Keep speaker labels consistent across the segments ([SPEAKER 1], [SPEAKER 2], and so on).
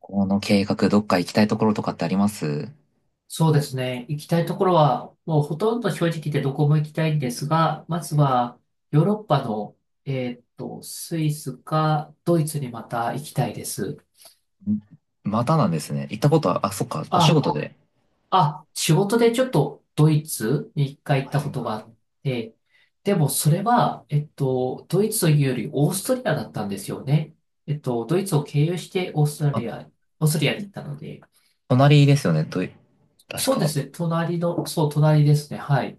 [SPEAKER 1] この計画、どっか行きたいところとかってあります？
[SPEAKER 2] そうですね。行きたいところは、もうほとんど正直言ってどこも行きたいんですが、まずはヨーロッパの、えスイスかドイツにまた行きたいです。
[SPEAKER 1] ん。またなんですね。行ったことは、あ、そっか、お仕
[SPEAKER 2] あ、
[SPEAKER 1] 事で。
[SPEAKER 2] 仕事でちょっとドイツに一回行っ
[SPEAKER 1] あ、
[SPEAKER 2] た
[SPEAKER 1] い
[SPEAKER 2] こ
[SPEAKER 1] い
[SPEAKER 2] と
[SPEAKER 1] な。
[SPEAKER 2] があって、でもそれは、ドイツというよりオーストリアだったんですよね。ドイツを経由して
[SPEAKER 1] あの、
[SPEAKER 2] オーストリアに行ったので、
[SPEAKER 1] 隣ですよね、確
[SPEAKER 2] そう
[SPEAKER 1] か。
[SPEAKER 2] ですね、隣の、そう、隣ですね、はい。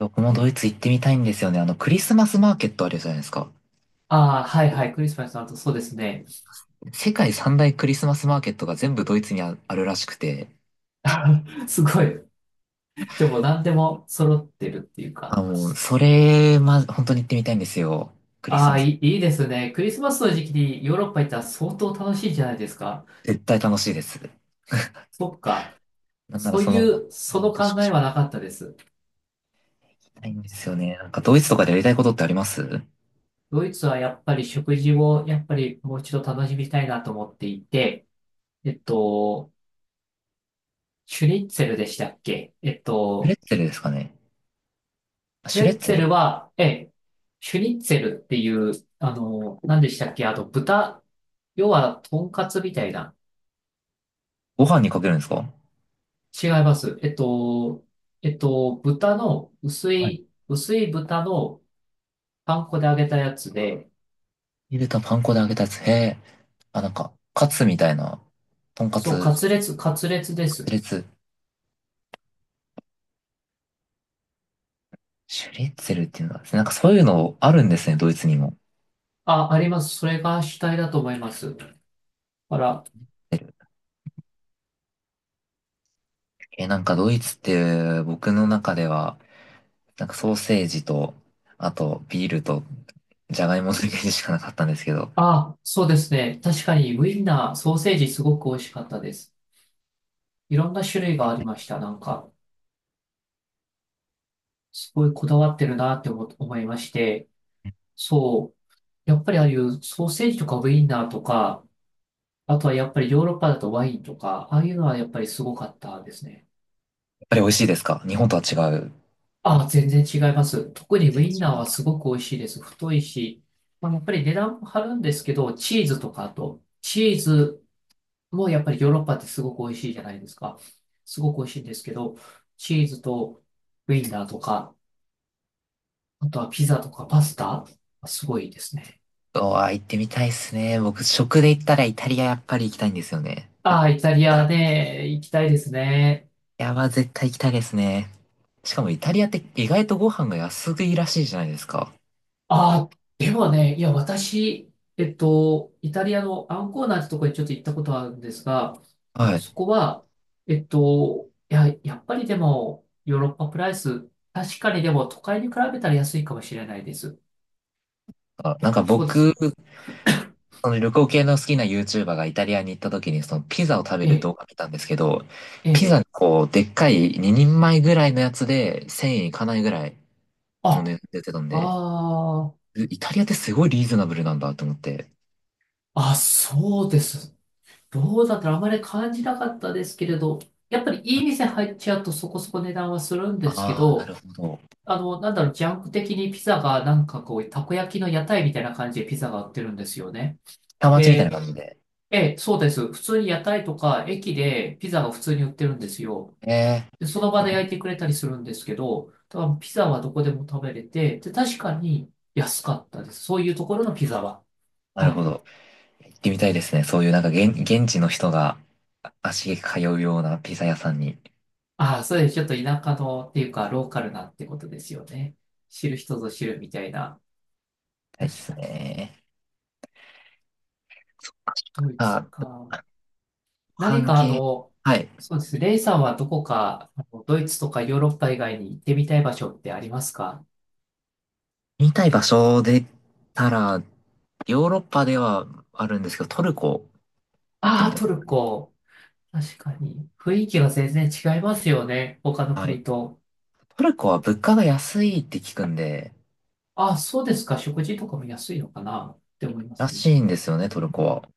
[SPEAKER 1] 僕もドイツ行ってみたいんですよね。あの、クリスマスマーケットあるじゃないですか。
[SPEAKER 2] ああ、はいはい、クリスマスの後、そうですね。
[SPEAKER 1] 世界三大クリスマスマーケットが全部ドイツにあるらしくて。
[SPEAKER 2] あすごい。じゃあもう何でも揃ってるっていうか。
[SPEAKER 1] あ、もう、それ、ま、本当に行ってみたいんですよ。クリス
[SPEAKER 2] あ
[SPEAKER 1] マ
[SPEAKER 2] あ、
[SPEAKER 1] ス。
[SPEAKER 2] いいですね。クリスマスの時期にヨーロッパ行ったら相当楽しいじゃないですか。
[SPEAKER 1] 絶対楽しいです。
[SPEAKER 2] そっか。
[SPEAKER 1] なんなら
[SPEAKER 2] そう
[SPEAKER 1] そ
[SPEAKER 2] い
[SPEAKER 1] のま
[SPEAKER 2] う、
[SPEAKER 1] ま
[SPEAKER 2] そ
[SPEAKER 1] もう
[SPEAKER 2] の
[SPEAKER 1] 年
[SPEAKER 2] 考
[SPEAKER 1] 越
[SPEAKER 2] え
[SPEAKER 1] し
[SPEAKER 2] は
[SPEAKER 1] も
[SPEAKER 2] なかったです。
[SPEAKER 1] 行きたいんですよね。なんかドイツとかでやりたいことってあります？シ
[SPEAKER 2] ドイツはやっぱり食事をやっぱりもう一度楽しみたいなと思っていて、えっと、シュニッツェルでしたっけ
[SPEAKER 1] ュレッツェルですかね。あ、
[SPEAKER 2] プ
[SPEAKER 1] シ
[SPEAKER 2] レ
[SPEAKER 1] ュレッ
[SPEAKER 2] ッ
[SPEAKER 1] ツ
[SPEAKER 2] ツェ
[SPEAKER 1] ェル。
[SPEAKER 2] ルは、ええ、シュニッツェルっていう、何でしたっけ豚、要は、とんかつみたいな。
[SPEAKER 1] ご飯にかけるんですか？
[SPEAKER 2] 違います。豚の、薄
[SPEAKER 1] はい。
[SPEAKER 2] い、薄い豚のパン粉で揚げたやつで、
[SPEAKER 1] 入れたパン粉で揚げたやつ。へえ。あ、なんか、カツみたいな、とんか
[SPEAKER 2] そう、
[SPEAKER 1] つ、
[SPEAKER 2] カツレツ、カツレツです。
[SPEAKER 1] レツ、シュレッツェルっていうんでなんかそういうのあるんですね、ドイツにも。
[SPEAKER 2] あ、あります。それが主体だと思います。あら、
[SPEAKER 1] え、なんかドイツって僕の中では、なんかソーセージと、あとビールと、じゃがいものイメージしかなかったんですけど、やっ
[SPEAKER 2] あ、そうですね。確かに、ウインナー、ソーセージすごく美味しかったです。いろんな種類がありました。なんか、すごいこだわってるなって思いまして、そう。やっぱりああいうソーセージとかウインナーとか、あとはやっぱりヨーロッパだとワインとか、ああいうのはやっぱりすごかったですね。
[SPEAKER 1] ぱり美味しいですか？日本とは違う。
[SPEAKER 2] ああ、全然違います。特
[SPEAKER 1] 全
[SPEAKER 2] にウ
[SPEAKER 1] 然違
[SPEAKER 2] インナー
[SPEAKER 1] うん
[SPEAKER 2] は
[SPEAKER 1] だ。
[SPEAKER 2] すごく美味しいです。太いし、まあ、やっぱり値段も張るんですけど、チーズとかあと、チーズもやっぱりヨーロッパってすごく美味しいじゃないですか。すごく美味しいんですけど、チーズとウインナーとか、あとはピザとかパスタ、すごいですね。
[SPEAKER 1] うわ、行ってみたいっすね。僕、食で行ったらイタリアやっぱり行きたいんですよね。食べ
[SPEAKER 2] あ
[SPEAKER 1] 行っ
[SPEAKER 2] あ、イタリ
[SPEAKER 1] た
[SPEAKER 2] ア
[SPEAKER 1] ら。
[SPEAKER 2] ね、行きたいですね。
[SPEAKER 1] いやば、絶対行きたいですね。しかもイタリアって意外とご飯が安いらしいじゃないですか。
[SPEAKER 2] ああ、でもね、いや、私、イタリアのアンコーナーってとこにちょっと行ったことあるんですが、
[SPEAKER 1] はい。
[SPEAKER 2] そこは、いや、やっぱりでも、ヨーロッパプライス、確かにでも都会に比べたら安いかもしれないです。
[SPEAKER 1] あなんか
[SPEAKER 2] そうです
[SPEAKER 1] 僕、
[SPEAKER 2] ね。
[SPEAKER 1] その旅行系の好きな YouTuber がイタリアに行った時にそのピザを食べ
[SPEAKER 2] え
[SPEAKER 1] る
[SPEAKER 2] え、
[SPEAKER 1] 動画見たんですけど、
[SPEAKER 2] え
[SPEAKER 1] ピザ
[SPEAKER 2] え。
[SPEAKER 1] にこう、でっかい2人前ぐらいのやつで1000円いかないぐらいの値
[SPEAKER 2] あ、
[SPEAKER 1] 段出てたんで、
[SPEAKER 2] あ
[SPEAKER 1] イタリアってすごいリーズナブルなんだと思って。
[SPEAKER 2] あ、あ、そうです。どうだったらあまり感じなかったですけれど、やっぱりいい店入っちゃうとそこそこ値段はするんですけ
[SPEAKER 1] ああ、なる
[SPEAKER 2] ど、
[SPEAKER 1] ほど。
[SPEAKER 2] なんだろう、ジャンク的にピザがなんかこう、たこ焼きの屋台みたいな感じでピザが売ってるんですよね。
[SPEAKER 1] 下町みたいな
[SPEAKER 2] で、
[SPEAKER 1] 感じで。
[SPEAKER 2] ええ、そうです。普通に屋台とか駅でピザが普通に売ってるんですよ。
[SPEAKER 1] えー、
[SPEAKER 2] で、その場で焼いてくれたりするんですけど、多分ピザはどこでも食べれて、で、確かに安かったです。そういうところのピザは。
[SPEAKER 1] なる
[SPEAKER 2] は
[SPEAKER 1] ほ
[SPEAKER 2] い。
[SPEAKER 1] ど。行ってみたいですね。そういうなんか現地の人が足げく通うようなピザ屋さんに行き
[SPEAKER 2] ああ、そうですちょっと田舎のっていうか、ローカルなってことですよね。知る人ぞ知るみたいな。
[SPEAKER 1] たいで
[SPEAKER 2] 確
[SPEAKER 1] す
[SPEAKER 2] かに。
[SPEAKER 1] ね。そっかそっ
[SPEAKER 2] ドイ
[SPEAKER 1] か。
[SPEAKER 2] ツ
[SPEAKER 1] あ、
[SPEAKER 2] か。何
[SPEAKER 1] 半
[SPEAKER 2] か
[SPEAKER 1] 径、はい。
[SPEAKER 2] そうですね。レイさんはどこか、あのドイツとかヨーロッパ以外に行ってみたい場所ってありますか？
[SPEAKER 1] 見たい場所で言ったら、ヨーロッパではあるんですけど、トルコ行って
[SPEAKER 2] あ
[SPEAKER 1] み
[SPEAKER 2] あ
[SPEAKER 1] た
[SPEAKER 2] ー、
[SPEAKER 1] い
[SPEAKER 2] ト
[SPEAKER 1] で
[SPEAKER 2] ル
[SPEAKER 1] すね。
[SPEAKER 2] コ。確かに。雰囲気が全然違いますよね。他の
[SPEAKER 1] はい。
[SPEAKER 2] 国と。
[SPEAKER 1] トルコは物価が安いって聞くんで、
[SPEAKER 2] ああ、そうですか。食事とかも安いのかなって思いま
[SPEAKER 1] ら
[SPEAKER 2] すね。
[SPEAKER 1] しいんですよね、トルコは。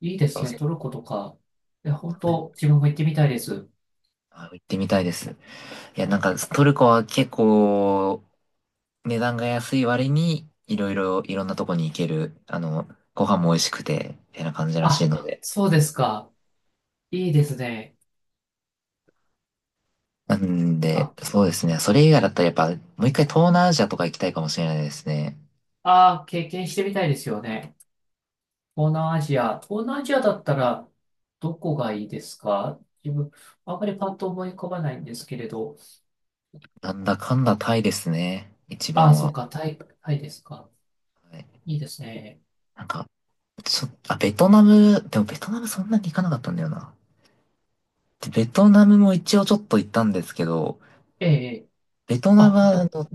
[SPEAKER 2] いいで
[SPEAKER 1] そ
[SPEAKER 2] す
[SPEAKER 1] う
[SPEAKER 2] ね。
[SPEAKER 1] そ
[SPEAKER 2] トルコとか。いや、本
[SPEAKER 1] う。はい。
[SPEAKER 2] 当自分も行ってみたいです。
[SPEAKER 1] あ、行ってみたいです。いや、なんかトルコは結構値段が安い割に、いろいろ、いろんなとこに行ける、あの、ご飯も美味しくて、みたいな感じらしい
[SPEAKER 2] あ、
[SPEAKER 1] ので。
[SPEAKER 2] そうですか。いいですね。
[SPEAKER 1] なん
[SPEAKER 2] タ
[SPEAKER 1] で、
[SPEAKER 2] ーキ
[SPEAKER 1] そうで
[SPEAKER 2] ー。
[SPEAKER 1] すね。それ以外だったらやっぱ、もう一回東南アジアとか行きたいかもしれないですね。
[SPEAKER 2] ああ、経験してみたいですよね。東南アジア。東南アジアだったら、どこがいいですか？自分、あんまりパッと思い浮かばないんですけれど。
[SPEAKER 1] なんだかんだタイですね。一
[SPEAKER 2] ああ、
[SPEAKER 1] 番
[SPEAKER 2] そっ
[SPEAKER 1] は。
[SPEAKER 2] か、タイ、タイですか。
[SPEAKER 1] はい。
[SPEAKER 2] いいですね。
[SPEAKER 1] なんか、あ、ベトナム、でもベトナムそんなに行かなかったんだよな。でベトナムも一応ちょっと行ったんですけど、
[SPEAKER 2] ええ、
[SPEAKER 1] ベトナム
[SPEAKER 2] あ、行っ
[SPEAKER 1] は
[SPEAKER 2] た
[SPEAKER 1] あ
[SPEAKER 2] こと、
[SPEAKER 1] の、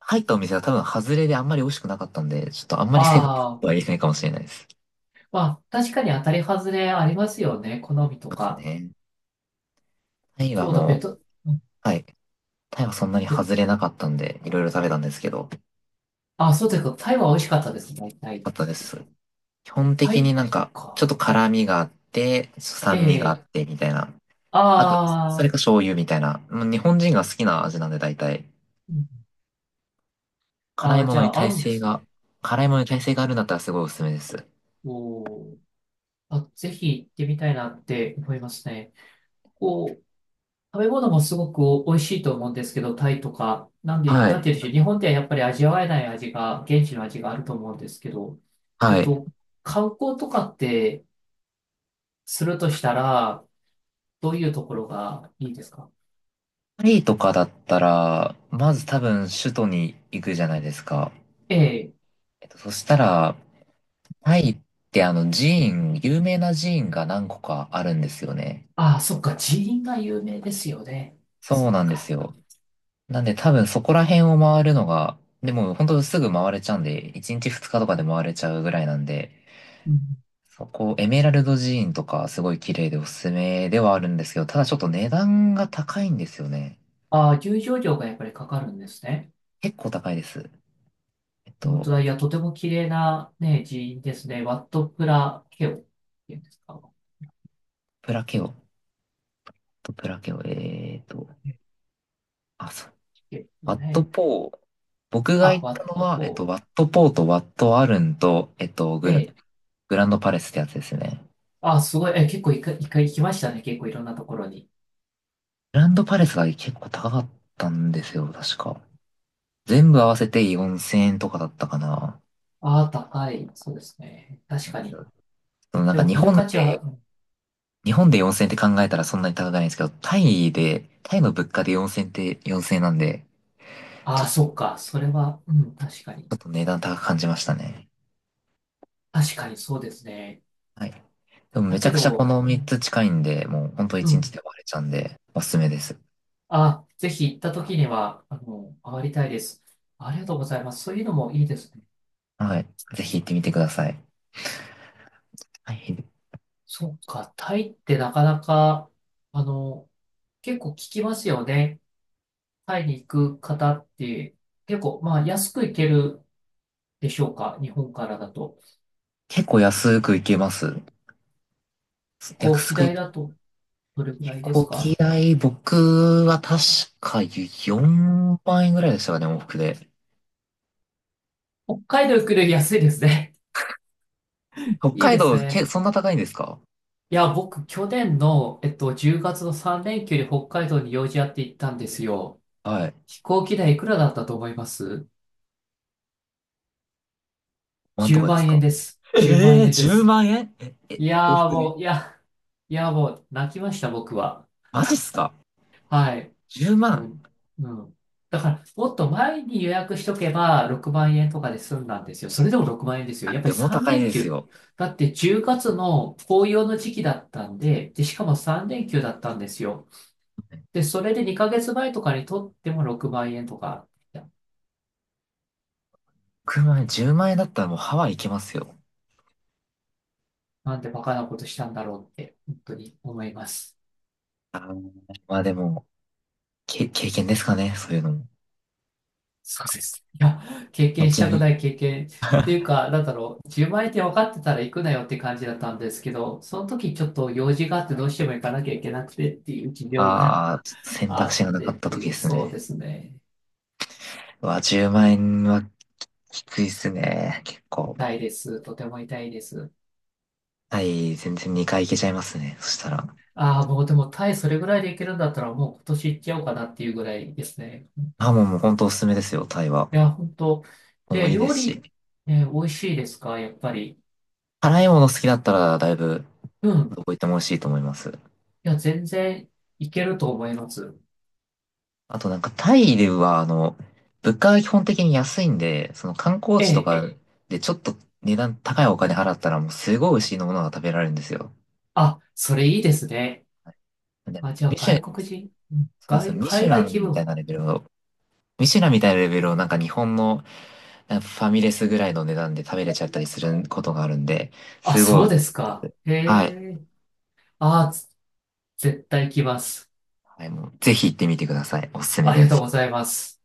[SPEAKER 1] 入ったお店が多分外れであんまり美味しくなかったんで、ちょっとあんま
[SPEAKER 2] あ
[SPEAKER 1] り正確なこ
[SPEAKER 2] あ
[SPEAKER 1] と
[SPEAKER 2] ー、
[SPEAKER 1] は言えないかもしれないです。
[SPEAKER 2] まあ、確かに当たり外れありますよね。好みと
[SPEAKER 1] そうで
[SPEAKER 2] か。
[SPEAKER 1] すね。タイは
[SPEAKER 2] そうだ、
[SPEAKER 1] もう、
[SPEAKER 2] うん
[SPEAKER 1] はい。タイはそんなに
[SPEAKER 2] ベ
[SPEAKER 1] 外れなかったんで、いろいろ食べたんですけど、よ
[SPEAKER 2] あ、そうですか。タイは美味しかったですね。タイ。
[SPEAKER 1] かったです。基本
[SPEAKER 2] タ
[SPEAKER 1] 的に
[SPEAKER 2] イ
[SPEAKER 1] なんか、ちょっ
[SPEAKER 2] か。
[SPEAKER 1] と
[SPEAKER 2] あ
[SPEAKER 1] 辛味があって、
[SPEAKER 2] え
[SPEAKER 1] 酸味があ
[SPEAKER 2] え、
[SPEAKER 1] って、みたいな。あと、それ
[SPEAKER 2] あ
[SPEAKER 1] か
[SPEAKER 2] あ、
[SPEAKER 1] 醤油みたいな。もう日本人が好きな味なんで、大体。
[SPEAKER 2] うんあ
[SPEAKER 1] 辛い
[SPEAKER 2] あ、
[SPEAKER 1] も
[SPEAKER 2] じ
[SPEAKER 1] の
[SPEAKER 2] ゃ
[SPEAKER 1] に
[SPEAKER 2] あ合
[SPEAKER 1] 耐
[SPEAKER 2] うんで
[SPEAKER 1] 性
[SPEAKER 2] す
[SPEAKER 1] が、
[SPEAKER 2] ね。
[SPEAKER 1] あるんだったらすごいおすすめです。
[SPEAKER 2] おーあ、ぜひ行ってみたいなって思いますね。こう、食べ物もすごく美味しいと思うんですけど、タイとか、
[SPEAKER 1] は
[SPEAKER 2] なん
[SPEAKER 1] い。
[SPEAKER 2] て言うんでしょう。日本ではやっぱり味わえない味が、現地の味があると思うんですけど、えっ
[SPEAKER 1] はい。
[SPEAKER 2] と、観光とかってするとしたら、どういうところがいいですか？
[SPEAKER 1] パリとかだったら、まず多分首都に行くじゃないですか。
[SPEAKER 2] ええ。
[SPEAKER 1] えっと、そしたら、タイってあの有名な寺院が何個かあるんですよね。
[SPEAKER 2] ああ、そっか。寺院が有名ですよね。
[SPEAKER 1] そ
[SPEAKER 2] そ
[SPEAKER 1] う
[SPEAKER 2] っ
[SPEAKER 1] なんです
[SPEAKER 2] か。
[SPEAKER 1] よ。なんで多分そこら辺を回るのが、でも本当すぐ回れちゃうんで、1日2日とかで回れちゃうぐらいなんで、
[SPEAKER 2] うん。
[SPEAKER 1] そこ、エメラルド寺院とかすごい綺麗でおすすめではあるんですけど、ただちょっと値段が高いんですよね。
[SPEAKER 2] ああ、入場料がやっぱりかかるんですね。
[SPEAKER 1] 結構高いです。えっ
[SPEAKER 2] 本当
[SPEAKER 1] と、
[SPEAKER 2] だ。いや、とても綺麗なね、寺院ですね。ワット・プラ・ケオっていうんですか？
[SPEAKER 1] プラケオ、とプラケオ、あ、そう、
[SPEAKER 2] ね、
[SPEAKER 1] ワット
[SPEAKER 2] ね
[SPEAKER 1] ポー、僕が
[SPEAKER 2] あ、
[SPEAKER 1] 行っ
[SPEAKER 2] ワ
[SPEAKER 1] た
[SPEAKER 2] ッ
[SPEAKER 1] の
[SPEAKER 2] ト・フ
[SPEAKER 1] は、
[SPEAKER 2] ォ
[SPEAKER 1] ワ
[SPEAKER 2] ー。
[SPEAKER 1] ットポーとワットアルンと、
[SPEAKER 2] ええ。
[SPEAKER 1] グランドパレスってやつですね。
[SPEAKER 2] あ、すごい。え、結構一回行きましたね。結構いろんなところに。
[SPEAKER 1] グランドパレスが結構高かったんですよ、確か。全部合わせて4000円とかだったかな。
[SPEAKER 2] ああ、高い。そうですね。確かに。
[SPEAKER 1] そのなん
[SPEAKER 2] で
[SPEAKER 1] か
[SPEAKER 2] も見る価値は、うん
[SPEAKER 1] 日本で4000円って考えたらそんなに高くないんですけど、タイの物価で4000円って4000円なんで、
[SPEAKER 2] ああ、そっ
[SPEAKER 1] ち
[SPEAKER 2] か。それは、うん、確かに。
[SPEAKER 1] ょっと値段高く感じましたね。
[SPEAKER 2] 確かにそうですね。
[SPEAKER 1] はい。でもめ
[SPEAKER 2] だ
[SPEAKER 1] ちゃ
[SPEAKER 2] け
[SPEAKER 1] くちゃこ
[SPEAKER 2] ど、
[SPEAKER 1] の
[SPEAKER 2] う
[SPEAKER 1] 3
[SPEAKER 2] ん、
[SPEAKER 1] つ近いんで、もう本当
[SPEAKER 2] う
[SPEAKER 1] 1日
[SPEAKER 2] ん。
[SPEAKER 1] で終われちゃうんで、おすすめです。
[SPEAKER 2] あ、ぜひ行った時には、回りたいです。ありがとうございます。そういうのもいいですね。
[SPEAKER 1] はい。ぜひ行ってみてください。はい。
[SPEAKER 2] そっか。タイってなかなか、あの、結構聞きますよね。タイに行く方って、結構、まあ、安く行けるでしょうか？日本からだと。
[SPEAKER 1] 結構安く行けます。
[SPEAKER 2] 飛行
[SPEAKER 1] 安
[SPEAKER 2] 機
[SPEAKER 1] く、
[SPEAKER 2] 代だとどれくら
[SPEAKER 1] 飛
[SPEAKER 2] いで
[SPEAKER 1] 行
[SPEAKER 2] すか？
[SPEAKER 1] 機代、僕は確か4万円ぐらいでしたかね、往復で。
[SPEAKER 2] 北海道行くより安いですね。
[SPEAKER 1] 北
[SPEAKER 2] いい
[SPEAKER 1] 海
[SPEAKER 2] です
[SPEAKER 1] 道、
[SPEAKER 2] ね。
[SPEAKER 1] そんな高いんですか？
[SPEAKER 2] いや、僕、去年の、10月の3連休に北海道に用事あって行ったんですよ。
[SPEAKER 1] はい。
[SPEAKER 2] 飛行機代いくらだったと思います？
[SPEAKER 1] なんと
[SPEAKER 2] 10
[SPEAKER 1] かです
[SPEAKER 2] 万円
[SPEAKER 1] か？
[SPEAKER 2] です。10万
[SPEAKER 1] ええー、
[SPEAKER 2] 円で
[SPEAKER 1] 10
[SPEAKER 2] す。
[SPEAKER 1] 万円？え、
[SPEAKER 2] い
[SPEAKER 1] 往
[SPEAKER 2] やー
[SPEAKER 1] 復で？
[SPEAKER 2] もう、いや、いやもう、泣きました、僕は。
[SPEAKER 1] マジっすか？
[SPEAKER 2] はい。
[SPEAKER 1] 10
[SPEAKER 2] も
[SPEAKER 1] 万。
[SPEAKER 2] ううん。だから、もっと前に予約しとけば6万円とかで済んだんですよ。それでも6万円ですよ。
[SPEAKER 1] あ、
[SPEAKER 2] やっぱ
[SPEAKER 1] で
[SPEAKER 2] り
[SPEAKER 1] も
[SPEAKER 2] 3
[SPEAKER 1] 高い
[SPEAKER 2] 連
[SPEAKER 1] です
[SPEAKER 2] 休。
[SPEAKER 1] よ。
[SPEAKER 2] だって10月の紅葉の時期だったんで、で、しかも3連休だったんですよ。で、それで2ヶ月前とかにとっても6万円とか、いや
[SPEAKER 1] 9万円、10万円だったらもうハワイ行けますよ。
[SPEAKER 2] なんでバカなことしたんだろうって、本当に思います。
[SPEAKER 1] あー、まあでも、経験ですかね、そういうのも。
[SPEAKER 2] そうです。いや、経験し
[SPEAKER 1] 後
[SPEAKER 2] たくな
[SPEAKER 1] に、
[SPEAKER 2] い経験っていうか、なんだろう、10万円って分かってたら行くなよって感じだったんですけど、その時ちょっと用事があってどうしても行かなきゃいけなくてっていう事情が
[SPEAKER 1] ああ、選
[SPEAKER 2] あ
[SPEAKER 1] 択
[SPEAKER 2] っ
[SPEAKER 1] 肢がなか
[SPEAKER 2] て
[SPEAKER 1] っ
[SPEAKER 2] っ
[SPEAKER 1] た
[SPEAKER 2] て
[SPEAKER 1] 時
[SPEAKER 2] い
[SPEAKER 1] で
[SPEAKER 2] う、
[SPEAKER 1] す
[SPEAKER 2] そうで
[SPEAKER 1] ね。
[SPEAKER 2] すね。
[SPEAKER 1] うわ、10万円はきついっすね。結構。
[SPEAKER 2] 痛いです。とても痛いです。
[SPEAKER 1] タイ、全然2回行けちゃいますね。そしたら。
[SPEAKER 2] ああ、もうでもタイそれぐらいで行けるんだったらもう今年行っちゃおうかなっていうぐらいですね。
[SPEAKER 1] あ、もう本当おすすめですよ、タイは。
[SPEAKER 2] いや、本当。
[SPEAKER 1] もう
[SPEAKER 2] で、
[SPEAKER 1] いいで
[SPEAKER 2] 料
[SPEAKER 1] す
[SPEAKER 2] 理、
[SPEAKER 1] し。
[SPEAKER 2] ね、美味しいですか？やっぱり。
[SPEAKER 1] 辛いもの好きだったら、だいぶ、
[SPEAKER 2] う
[SPEAKER 1] ど
[SPEAKER 2] ん。
[SPEAKER 1] こ行っても美味しいと思います。
[SPEAKER 2] いや、全然いけると思います。
[SPEAKER 1] あとなんか、タイでは、あの、物価が基本的に安いんで、その観光地と
[SPEAKER 2] ええ
[SPEAKER 1] かでちょっと値段高いお金払ったら、もうすごい美味しいものが食べられるんですよ。
[SPEAKER 2] あ、それいいですね。
[SPEAKER 1] でも、
[SPEAKER 2] あ、じゃあ
[SPEAKER 1] ミシュ、
[SPEAKER 2] 外国人、うん
[SPEAKER 1] そうですよ。
[SPEAKER 2] 海外気分。
[SPEAKER 1] ミシュランみたいなレベルをなんか日本のなんかファミレスぐらいの値段で食べれちゃったりすることがあるんで、
[SPEAKER 2] あ、
[SPEAKER 1] す
[SPEAKER 2] そ
[SPEAKER 1] ごい、
[SPEAKER 2] うですか。へ
[SPEAKER 1] はい。
[SPEAKER 2] え。あ、絶対来ます。
[SPEAKER 1] はい、もうぜひ行ってみてください。おすすめ
[SPEAKER 2] ありが
[SPEAKER 1] で
[SPEAKER 2] とう
[SPEAKER 1] す。
[SPEAKER 2] ございます。